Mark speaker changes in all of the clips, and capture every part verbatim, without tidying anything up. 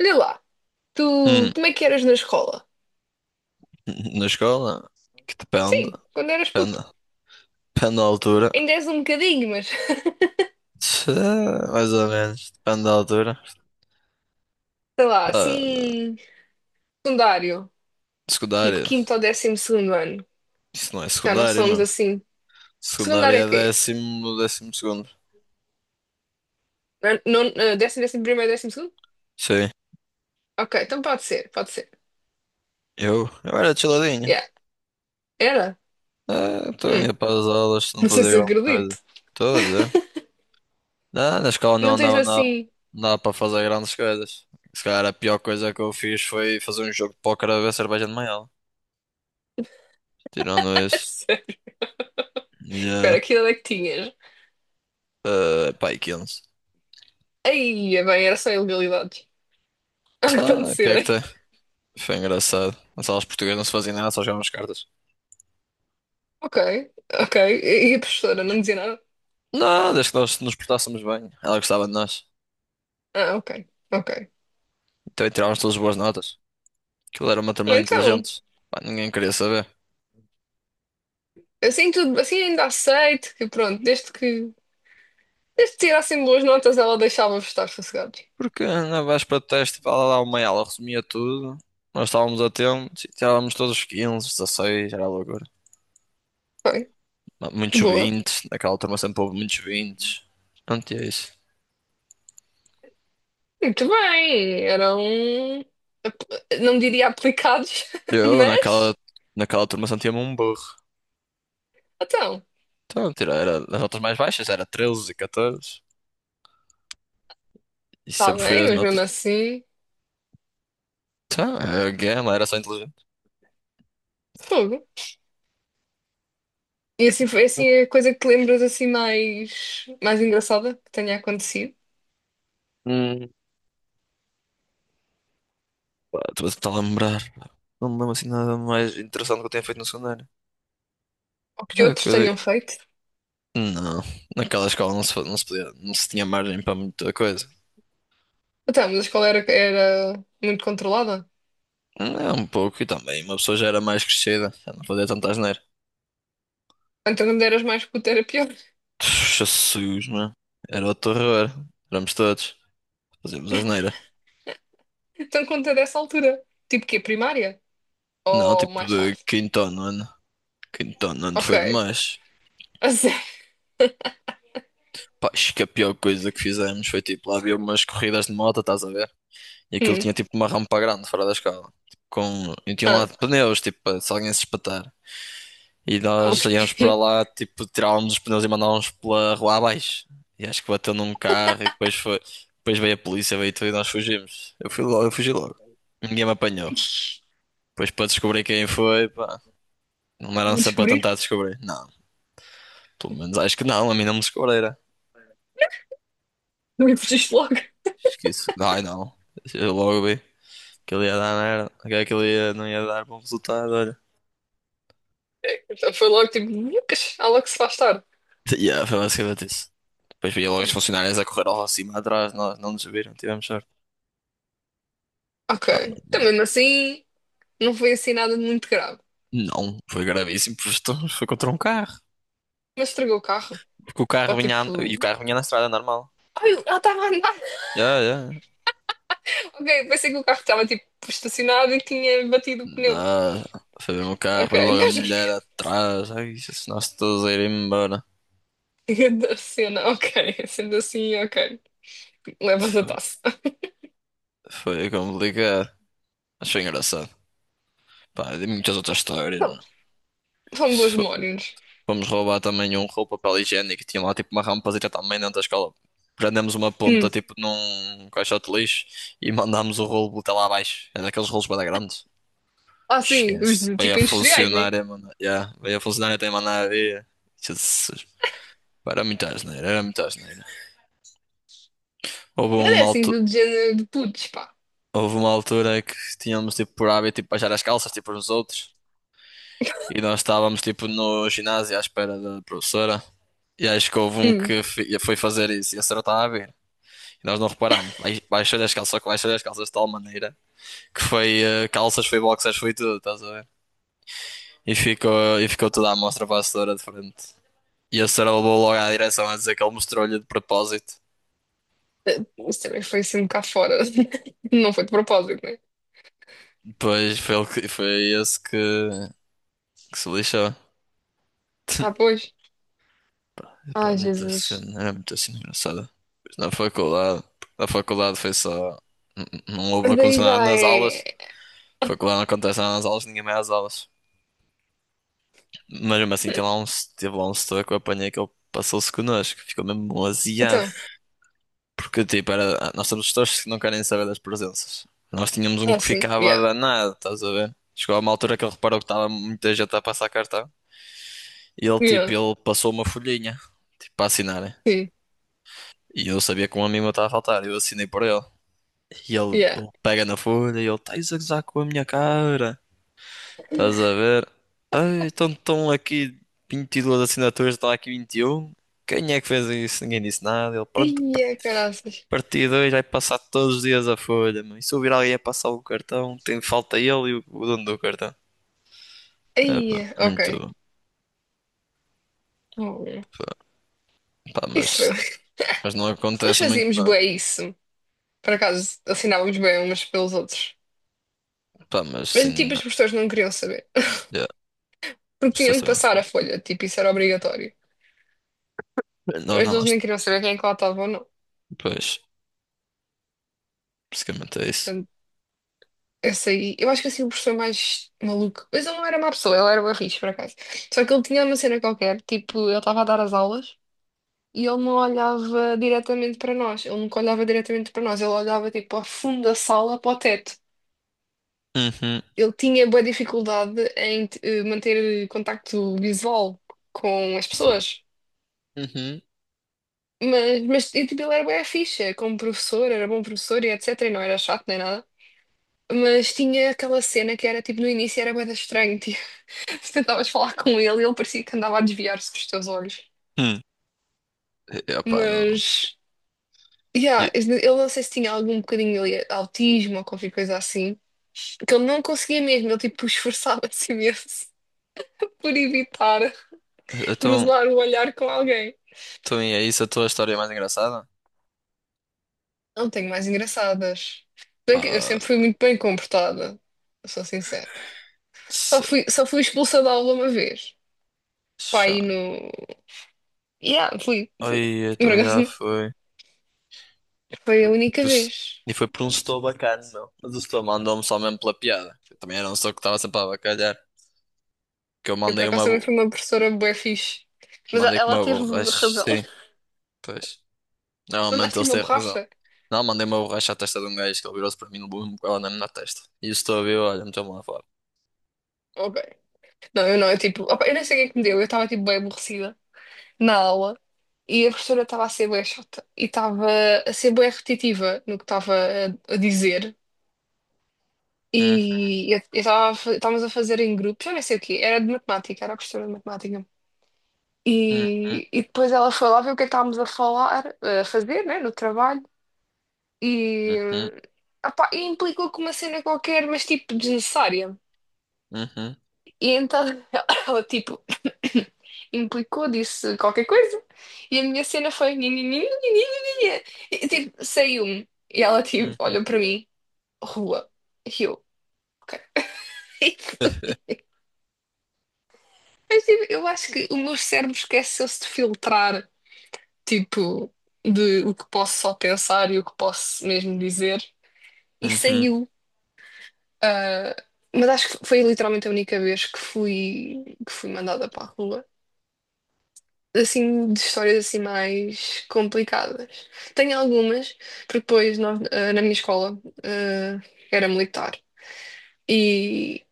Speaker 1: Olha lá, tu
Speaker 2: Hum.
Speaker 1: como é que eras na escola?
Speaker 2: Na escola? Que depende.
Speaker 1: Sim, quando eras
Speaker 2: Depende,
Speaker 1: puto.
Speaker 2: depende da altura.
Speaker 1: Ainda és um bocadinho, mas
Speaker 2: Tchê, mais ou menos. Depende da altura.
Speaker 1: sei lá,
Speaker 2: Pá,
Speaker 1: assim, secundário, tipo
Speaker 2: secundária.
Speaker 1: quinto ou décimo segundo ano.
Speaker 2: Isso não é
Speaker 1: Já não
Speaker 2: secundária,
Speaker 1: somos
Speaker 2: mano.
Speaker 1: assim.
Speaker 2: Secundária
Speaker 1: Secundário é
Speaker 2: é
Speaker 1: quê?
Speaker 2: décimo, décimo segundo.
Speaker 1: Não, não- eh, décimo, décimo primeiro, décimo segundo?
Speaker 2: Sim.
Speaker 1: Ok, então pode ser, pode ser.
Speaker 2: Eu? Eu era chiladinho.
Speaker 1: Yeah. Era?
Speaker 2: Ah, então ia
Speaker 1: Hum,
Speaker 2: para as aulas, não
Speaker 1: não sei
Speaker 2: fazia
Speaker 1: se
Speaker 2: grande
Speaker 1: acredito.
Speaker 2: coisa. Estou a dizer. Ah, na escola não
Speaker 1: Não tens
Speaker 2: andava nada.
Speaker 1: assim.
Speaker 2: Não dava para fazer grandes coisas. Se calhar a pior coisa que eu fiz foi fazer um jogo de póquer a ver cerveja de manhã. Tirando isso.
Speaker 1: Espera, aquilo é que tinhas.
Speaker 2: Uh, pá, e quinze.
Speaker 1: Aí, é bem, era só ilegalidades a
Speaker 2: Tá, o que é que
Speaker 1: acontecerem.
Speaker 2: tem? Foi engraçado. As aulas portuguesas não se faziam nada, só jogavam as cartas.
Speaker 1: Ok, ok. E a professora não dizia nada?
Speaker 2: Não, desde que nós nos portássemos bem. Ela gostava de nós.
Speaker 1: Ah, ok, ok.
Speaker 2: Então tirávamos todas as boas notas. Aquilo era uma turma
Speaker 1: Ah,
Speaker 2: de
Speaker 1: então,
Speaker 2: inteligentes. Pá, ninguém queria saber.
Speaker 1: assim tudo, assim ainda aceito que pronto, desde que desde que tirassem boas notas, ela deixava-vos estar sossegados.
Speaker 2: Porque na véspera do teste, pá, ela dava uma aula, resumia tudo. Nós estávamos atentos e tirávamos todos os quinze, dezesseis, era loucura.
Speaker 1: Bem,
Speaker 2: M- Muitos
Speaker 1: boa.
Speaker 2: vinte, naquela turma sempre houve muitos vinte. Não tinha isso.
Speaker 1: Muito bem, eram ap- não diria aplicados,
Speaker 2: Eu, naquela,
Speaker 1: mas
Speaker 2: naquela turma sentia-me um burro.
Speaker 1: então,
Speaker 2: Então, tira, era das notas mais baixas, era treze, catorze, e
Speaker 1: está
Speaker 2: sempre fui
Speaker 1: bem,
Speaker 2: das
Speaker 1: mas mesmo
Speaker 2: notas.
Speaker 1: assim,
Speaker 2: Então, a gama era só inteligente.
Speaker 1: fogo. E assim foi assim é a coisa que te lembras assim mais, mais engraçada que tenha acontecido,
Speaker 2: Hum. Pá, estou a tentar lembrar. Não me lembro assim nada mais interessante que eu tenha feito no secundário.
Speaker 1: ou que
Speaker 2: É o que
Speaker 1: outros
Speaker 2: eu
Speaker 1: tenham
Speaker 2: digo.
Speaker 1: feito.
Speaker 2: Não, naquela escola não se, fa- não se podia, não se tinha margem para muita coisa.
Speaker 1: Então, mas a escola era, era muito controlada.
Speaker 2: É um pouco, e também uma pessoa já era mais crescida, já não fazia tanta asneira.
Speaker 1: Então, quando eras mais puto era pior.
Speaker 2: Jesus, mano. Era o terror. Éramos todos. Fazíamos asneira.
Speaker 1: Então conta dessa altura. Tipo que primária?
Speaker 2: Não,
Speaker 1: Ou
Speaker 2: tipo
Speaker 1: mais
Speaker 2: de
Speaker 1: tarde?
Speaker 2: quinto ano. Quinto ano
Speaker 1: Ok.
Speaker 2: foi demais.
Speaker 1: A sério?
Speaker 2: Pá, acho que a pior coisa que fizemos foi tipo, lá havia umas corridas de moto, estás a ver? E aquilo
Speaker 1: Hum.
Speaker 2: tinha tipo uma rampa grande fora da escala. Tipo, com... E tinha lá
Speaker 1: Ah,
Speaker 2: pneus, tipo, para se alguém se espatar. E nós íamos para
Speaker 1: ok.
Speaker 2: lá, tipo, tirávamos os pneus e mandávamos pela rua abaixo. E acho que bateu num carro e depois foi. Depois veio a polícia, veio tudo e nós fugimos. Eu fui logo, eu fugi logo. Ninguém me apanhou. Depois para descobrir quem foi, pá, não eram
Speaker 1: Vou
Speaker 2: sempre a
Speaker 1: descobrir?
Speaker 2: tentar descobrir. Não, pelo menos acho que não, a mim não me descobriram.
Speaker 1: Não me fugiste logo.
Speaker 2: Acho que isso. Ai não, eu logo vi. Aquilo ia dar merda. Aquilo ia, não ia dar bom resultado, olha.
Speaker 1: Então foi logo tipo, Lucas, há logo que se faz tarde.
Speaker 2: Yeah, foi basicamente isso. Depois via logo as funcionárias a correr ao cima atrás, nós não nos viram, tivemos sorte.
Speaker 1: Ok.
Speaker 2: Pá,
Speaker 1: Então mesmo assim, não foi assim nada de muito grave.
Speaker 2: não, foi gravíssimo, porque estamos- foi contra um carro.
Speaker 1: Mas estragou o carro.
Speaker 2: Porque o carro
Speaker 1: Ou
Speaker 2: vinha, a- e o
Speaker 1: tipo.
Speaker 2: carro vinha na estrada normal.
Speaker 1: Ai, ela estava a andar.
Speaker 2: Yeah, yeah.
Speaker 1: Ok, pensei que o carro estava tipo estacionado e tinha batido o pneu.
Speaker 2: Dá, foi mesmo o carro,
Speaker 1: Ok,
Speaker 2: foi logo a
Speaker 1: não
Speaker 2: mulher atrás, ai, se nós todos a ir embora.
Speaker 1: da cena. Ok, sendo assim, ok. Levas a
Speaker 2: Foi,
Speaker 1: taça.
Speaker 2: foi complicado, mas foi engraçado. Pá, de muitas outras histórias, meu.
Speaker 1: São bons
Speaker 2: Isso.
Speaker 1: mornos.
Speaker 2: Fomos roubar também um rolo de papel higiênico. Tinha lá tipo uma rampazita também dentro da escola. Prendemos uma ponta
Speaker 1: Hum.
Speaker 2: tipo num caixote de lixo e mandámos o rolo até lá abaixo. Era daqueles rolos bem grandes.
Speaker 1: Ah, sim, os
Speaker 2: Esquece.
Speaker 1: de
Speaker 2: Veio a
Speaker 1: tipo industriais, né?
Speaker 2: funcionária, mano. Yeah. Veio a funcionária até mandar a ver. Jesus. Pá, era muita asneira, era muita asneira. Houve
Speaker 1: Mas é
Speaker 2: uma
Speaker 1: assim,
Speaker 2: altura,
Speaker 1: do género de putos, pá.
Speaker 2: houve uma altura que tínhamos tipo por hábito tipo, baixar as calças tipo uns aos outros. E nós estávamos tipo no ginásio à espera da professora. E acho que houve um
Speaker 1: Hum.
Speaker 2: que fi- foi fazer isso e a senhora estava a ver. E nós não reparámos. Bai- Baixou-lhe as calças, só que baixou-lhe as calças de tal maneira que foi eh, calças, foi boxers, foi tudo, estás a ver? E ficou, e ficou toda a mostra para a senhora de frente. E a senhora levou logo à direção a dizer que ele mostrou-lhe de propósito.
Speaker 1: Eh, Isso também foi assim um bocado fora. Não foi de propósito, né?
Speaker 2: Depois foi, ele que, foi esse que, que se lixou.
Speaker 1: Ah, pois.
Speaker 2: Pá, pá, é
Speaker 1: Ai,
Speaker 2: muito assim,
Speaker 1: Jesus.
Speaker 2: era muito assim engraçado. Pois. Na faculdade, na faculdade foi só. n- n- Não houve não
Speaker 1: Mas daí
Speaker 2: aconteceu
Speaker 1: já
Speaker 2: nada nas
Speaker 1: é.
Speaker 2: aulas. Faculdade não acontece nada nas aulas, ninguém vai às aulas. Mas mesmo assim, tem lá um, teve lá um setor que eu apanhei que ele passou-se connosco, ficou mesmo aziado.
Speaker 1: Então,
Speaker 2: Porque, tipo, era, nós temos setores que não querem saber das presenças. Nós tínhamos um
Speaker 1: ah,
Speaker 2: que
Speaker 1: sim.
Speaker 2: ficava
Speaker 1: Yeah.
Speaker 2: danado, estás a ver? Chegou a uma altura que ele reparou que estava muita gente a passar cartão, e ele, tipo,
Speaker 1: Yeah.
Speaker 2: ele passou uma folhinha, tipo, para assinarem.
Speaker 1: Sim.
Speaker 2: E eu sabia que um amigo meu estava a faltar, eu assinei por ele. E ele,
Speaker 1: Yeah.
Speaker 2: ele pega na folha e ele, estás a gozar com a minha cara. Estás a ver? Ai, então estão aqui vinte e duas assinaturas, está aqui vinte e um. Quem é que fez isso? Ninguém disse nada. Ele, pronto, par-
Speaker 1: Ia, caraças.
Speaker 2: partido dois vai passar todos os dias a folha. Mano. E se ouvir alguém a passar o cartão, tem falta ele e o, o dono do cartão. É, pá,
Speaker 1: Ia, ok.
Speaker 2: muito.
Speaker 1: Oh, yeah.
Speaker 2: Pá, pá,
Speaker 1: Isso
Speaker 2: mas,
Speaker 1: foi.
Speaker 2: mas não
Speaker 1: Nós
Speaker 2: acontece muito
Speaker 1: fazíamos
Speaker 2: nada.
Speaker 1: bué isso. Por acaso, assinávamos bem umas pelos outros.
Speaker 2: Pá, mas
Speaker 1: Mas
Speaker 2: sim,
Speaker 1: tipo,
Speaker 2: na-
Speaker 1: as pessoas não queriam saber.
Speaker 2: já,
Speaker 1: Porque tinham
Speaker 2: vocês
Speaker 1: de
Speaker 2: também não se
Speaker 1: passar a folha, tipo, isso era obrigatório.
Speaker 2: preocupem. Nós
Speaker 1: Mas
Speaker 2: não,
Speaker 1: eles nem
Speaker 2: nós.
Speaker 1: queriam saber quem é que lá estava ou não.
Speaker 2: Pois, basicamente é isso.
Speaker 1: Portanto, essa aí, eu acho que assim o professor mais maluco, mas ele não era má pessoa, ele era barris, por acaso. Só que ele tinha uma cena qualquer, tipo, ele estava a dar as aulas e ele não olhava diretamente para nós, ele nunca olhava diretamente para nós, ele olhava tipo ao fundo da sala para o teto.
Speaker 2: Uhum,
Speaker 1: Ele tinha boa dificuldade em eh, manter contacto visual com as pessoas.
Speaker 2: uhum,
Speaker 1: Mas, mas e, tipo, ele era bué ficha como professor, era bom professor e et cetera. E não era chato nem nada. Mas tinha aquela cena que era tipo no início era bem estranho, tipo, se tentavas falar com ele, ele parecia que andava a desviar-se dos teus olhos.
Speaker 2: hum. E, opá, não.
Speaker 1: Mas, yeah,
Speaker 2: E,
Speaker 1: eu não sei se tinha algum bocadinho ali, autismo ou qualquer coisa assim, que ele não conseguia mesmo, ele tipo esforçava-se imenso por evitar
Speaker 2: então,
Speaker 1: cruzar o olhar com alguém.
Speaker 2: então e é isso a tua história mais engraçada?
Speaker 1: Não tenho mais engraçadas. Bem que eu
Speaker 2: Ah,
Speaker 1: sempre fui muito bem comportada, sou sincera. Só fui, só fui expulsa da aula uma vez. Pai,
Speaker 2: Cristiano.
Speaker 1: no. Yeah, fui, fui.
Speaker 2: Ai, eu
Speaker 1: Por
Speaker 2: também já
Speaker 1: acaso,
Speaker 2: foi.
Speaker 1: foi a única vez.
Speaker 2: E foi por um setor bacana, meu. Mas o setor mandou-me só mesmo pela piada. Eu também era um setor que estava sempre a bacalhar. Que eu
Speaker 1: Eu, por
Speaker 2: mandei
Speaker 1: acaso,
Speaker 2: uma.
Speaker 1: também fui
Speaker 2: bo-
Speaker 1: uma professora bué fixe. Mas a-
Speaker 2: Mandei com
Speaker 1: ela
Speaker 2: uma
Speaker 1: teve
Speaker 2: borracha.
Speaker 1: razão.
Speaker 2: Sim, pois. Normalmente
Speaker 1: Mandaste-lhe
Speaker 2: eles
Speaker 1: uma
Speaker 2: têm razão.
Speaker 1: borracha?
Speaker 2: Não, mandei uma borracha à testa de um gajo que ele virou-se para mim no levou-me com ela na na testa. E o setor viu, olha, meteu-me lá fora.
Speaker 1: Ok. Não, eu não. Eu, tipo, opa, eu nem sei o que é que me deu. Eu estava, tipo, bem aborrecida na aula. E a professora estava a ser bué chata. E estava a ser bué repetitiva no que estava a, a dizer.
Speaker 2: Hum,
Speaker 1: E eu eu estava, a fa- estávamos a fazer em grupo. Já nem sei o quê. Era de matemática. Era a professora de matemática.
Speaker 2: hum, hum,
Speaker 1: E, e depois ela foi lá ver o que é que estávamos a falar, a fazer, né, no trabalho. E,
Speaker 2: uhum,
Speaker 1: opá, e implicou com uma cena qualquer, mas tipo desnecessária.
Speaker 2: uhum,
Speaker 1: E então ela tipo implicou, disse qualquer coisa. E a minha cena foi nhi, nhi, nhi, nhi, nhi, nhi, nhi. E tipo, saiu-me. E ela tipo
Speaker 2: uhum,
Speaker 1: olhou para mim, rua. E eu, ok. Mas tipo, eu acho que o meu cérebro esqueceu-se de filtrar, tipo, de o que posso só pensar e o que posso mesmo dizer. E
Speaker 2: uhum,
Speaker 1: saiu. Ah, mas acho que foi literalmente a única vez que fui, que fui mandada para a rua. Assim, de histórias assim mais complicadas. Tenho algumas, porque depois nós, ah, na minha escola, ah, era militar. E,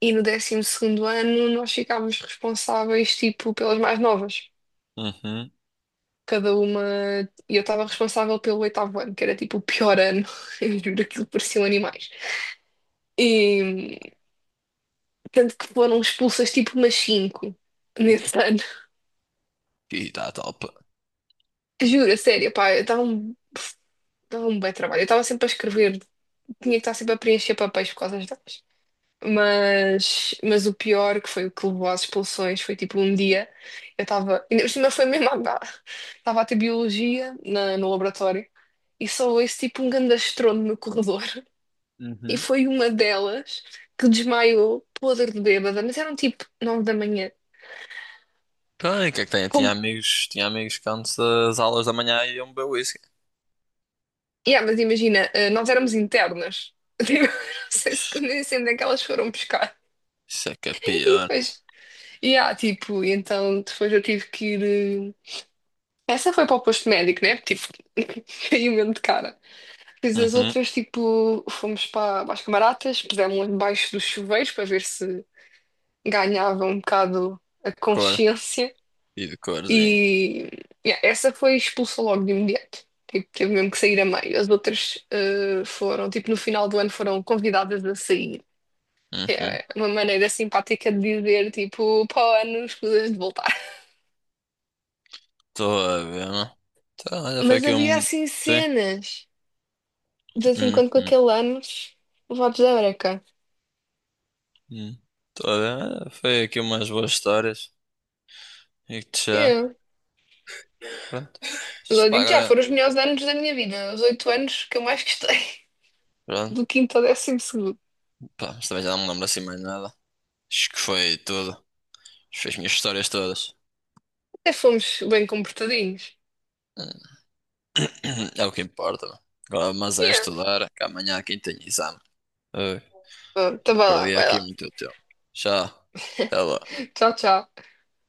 Speaker 1: e no décimo segundo ano nós ficávamos responsáveis, tipo, pelas mais novas.
Speaker 2: uhum.
Speaker 1: Cada uma... E eu estava responsável pelo oitavo ano, que era tipo o pior ano. Eu juro, aquilo pareciam animais. E tanto que foram expulsas tipo umas cinco nesse ano.
Speaker 2: E tá top.
Speaker 1: Juro, a sério, pá, eu dava um, dava um bem trabalho. Eu estava sempre a escrever, tinha que estar sempre a preencher papéis por causa das datas. Mas, mas o pior, que foi o que levou às expulsões, foi tipo um dia, eu estava, ainda por cima foi mesmo, estava a ter biologia na, no laboratório e só ouço tipo um grande estrondo no corredor. E foi uma delas que desmaiou, podre de bêbada, mas eram tipo nove da manhã.
Speaker 2: Tem, o que é que tem? Tinha amigos, tinha amigos que antes das aulas da manhã iam beber whisky.
Speaker 1: Yeah, mas imagina, eh, nós éramos internas. Tipo, não sei se nem sei onde é que elas foram buscar.
Speaker 2: Isso é que é
Speaker 1: E
Speaker 2: pior.
Speaker 1: depois, yeah, tipo, e então depois eu tive que ir. eh, Essa foi para o posto médico, né? Tipo, caiu mesmo de cara. Depois as
Speaker 2: Uhum.
Speaker 1: outras, tipo, fomos para, para as camaratas, pusemos debaixo dos chuveiros para ver se ganhava um bocado a
Speaker 2: Cor.
Speaker 1: consciência.
Speaker 2: E de corzinho.
Speaker 1: E yeah, essa foi expulsa logo de imediato. Tipo, teve mesmo que sair a meio. As outras eh, foram, tipo, no final do ano foram convidadas a sair.
Speaker 2: Uhum.
Speaker 1: É uma maneira simpática de dizer, tipo, para o ano escusas de voltar.
Speaker 2: Estou a ver, não? Então, olha, foi
Speaker 1: Mas
Speaker 2: aqui
Speaker 1: havia
Speaker 2: um.
Speaker 1: assim
Speaker 2: Sim.
Speaker 1: cenas, de vez em quando com
Speaker 2: Uhum.
Speaker 1: aquele anos, levados à breca.
Speaker 2: Uhum. Estou a ver. Olha, foi aqui umas boas histórias. E que já.
Speaker 1: Eu,
Speaker 2: Pronto. Isto,
Speaker 1: eu
Speaker 2: pá,
Speaker 1: digo que já
Speaker 2: agora.
Speaker 1: foram os melhores anos da minha vida, os oito anos que eu mais gostei,
Speaker 2: Pronto.
Speaker 1: do quinto ao décimo segundo.
Speaker 2: Pá, mas também já não me lembro assim mais nada. Acho que foi tudo. Fez minhas histórias todas.
Speaker 1: Até fomos bem comportadinhos.
Speaker 2: Hum. É o que importa, não? Agora, mas é
Speaker 1: Yeah.
Speaker 2: estudar, que amanhã aqui tem exame.
Speaker 1: Bom, então vai lá,
Speaker 2: Perdi
Speaker 1: vai
Speaker 2: aqui
Speaker 1: lá.
Speaker 2: muito tempo. Tchau. Até lá.
Speaker 1: Tchau, tchau.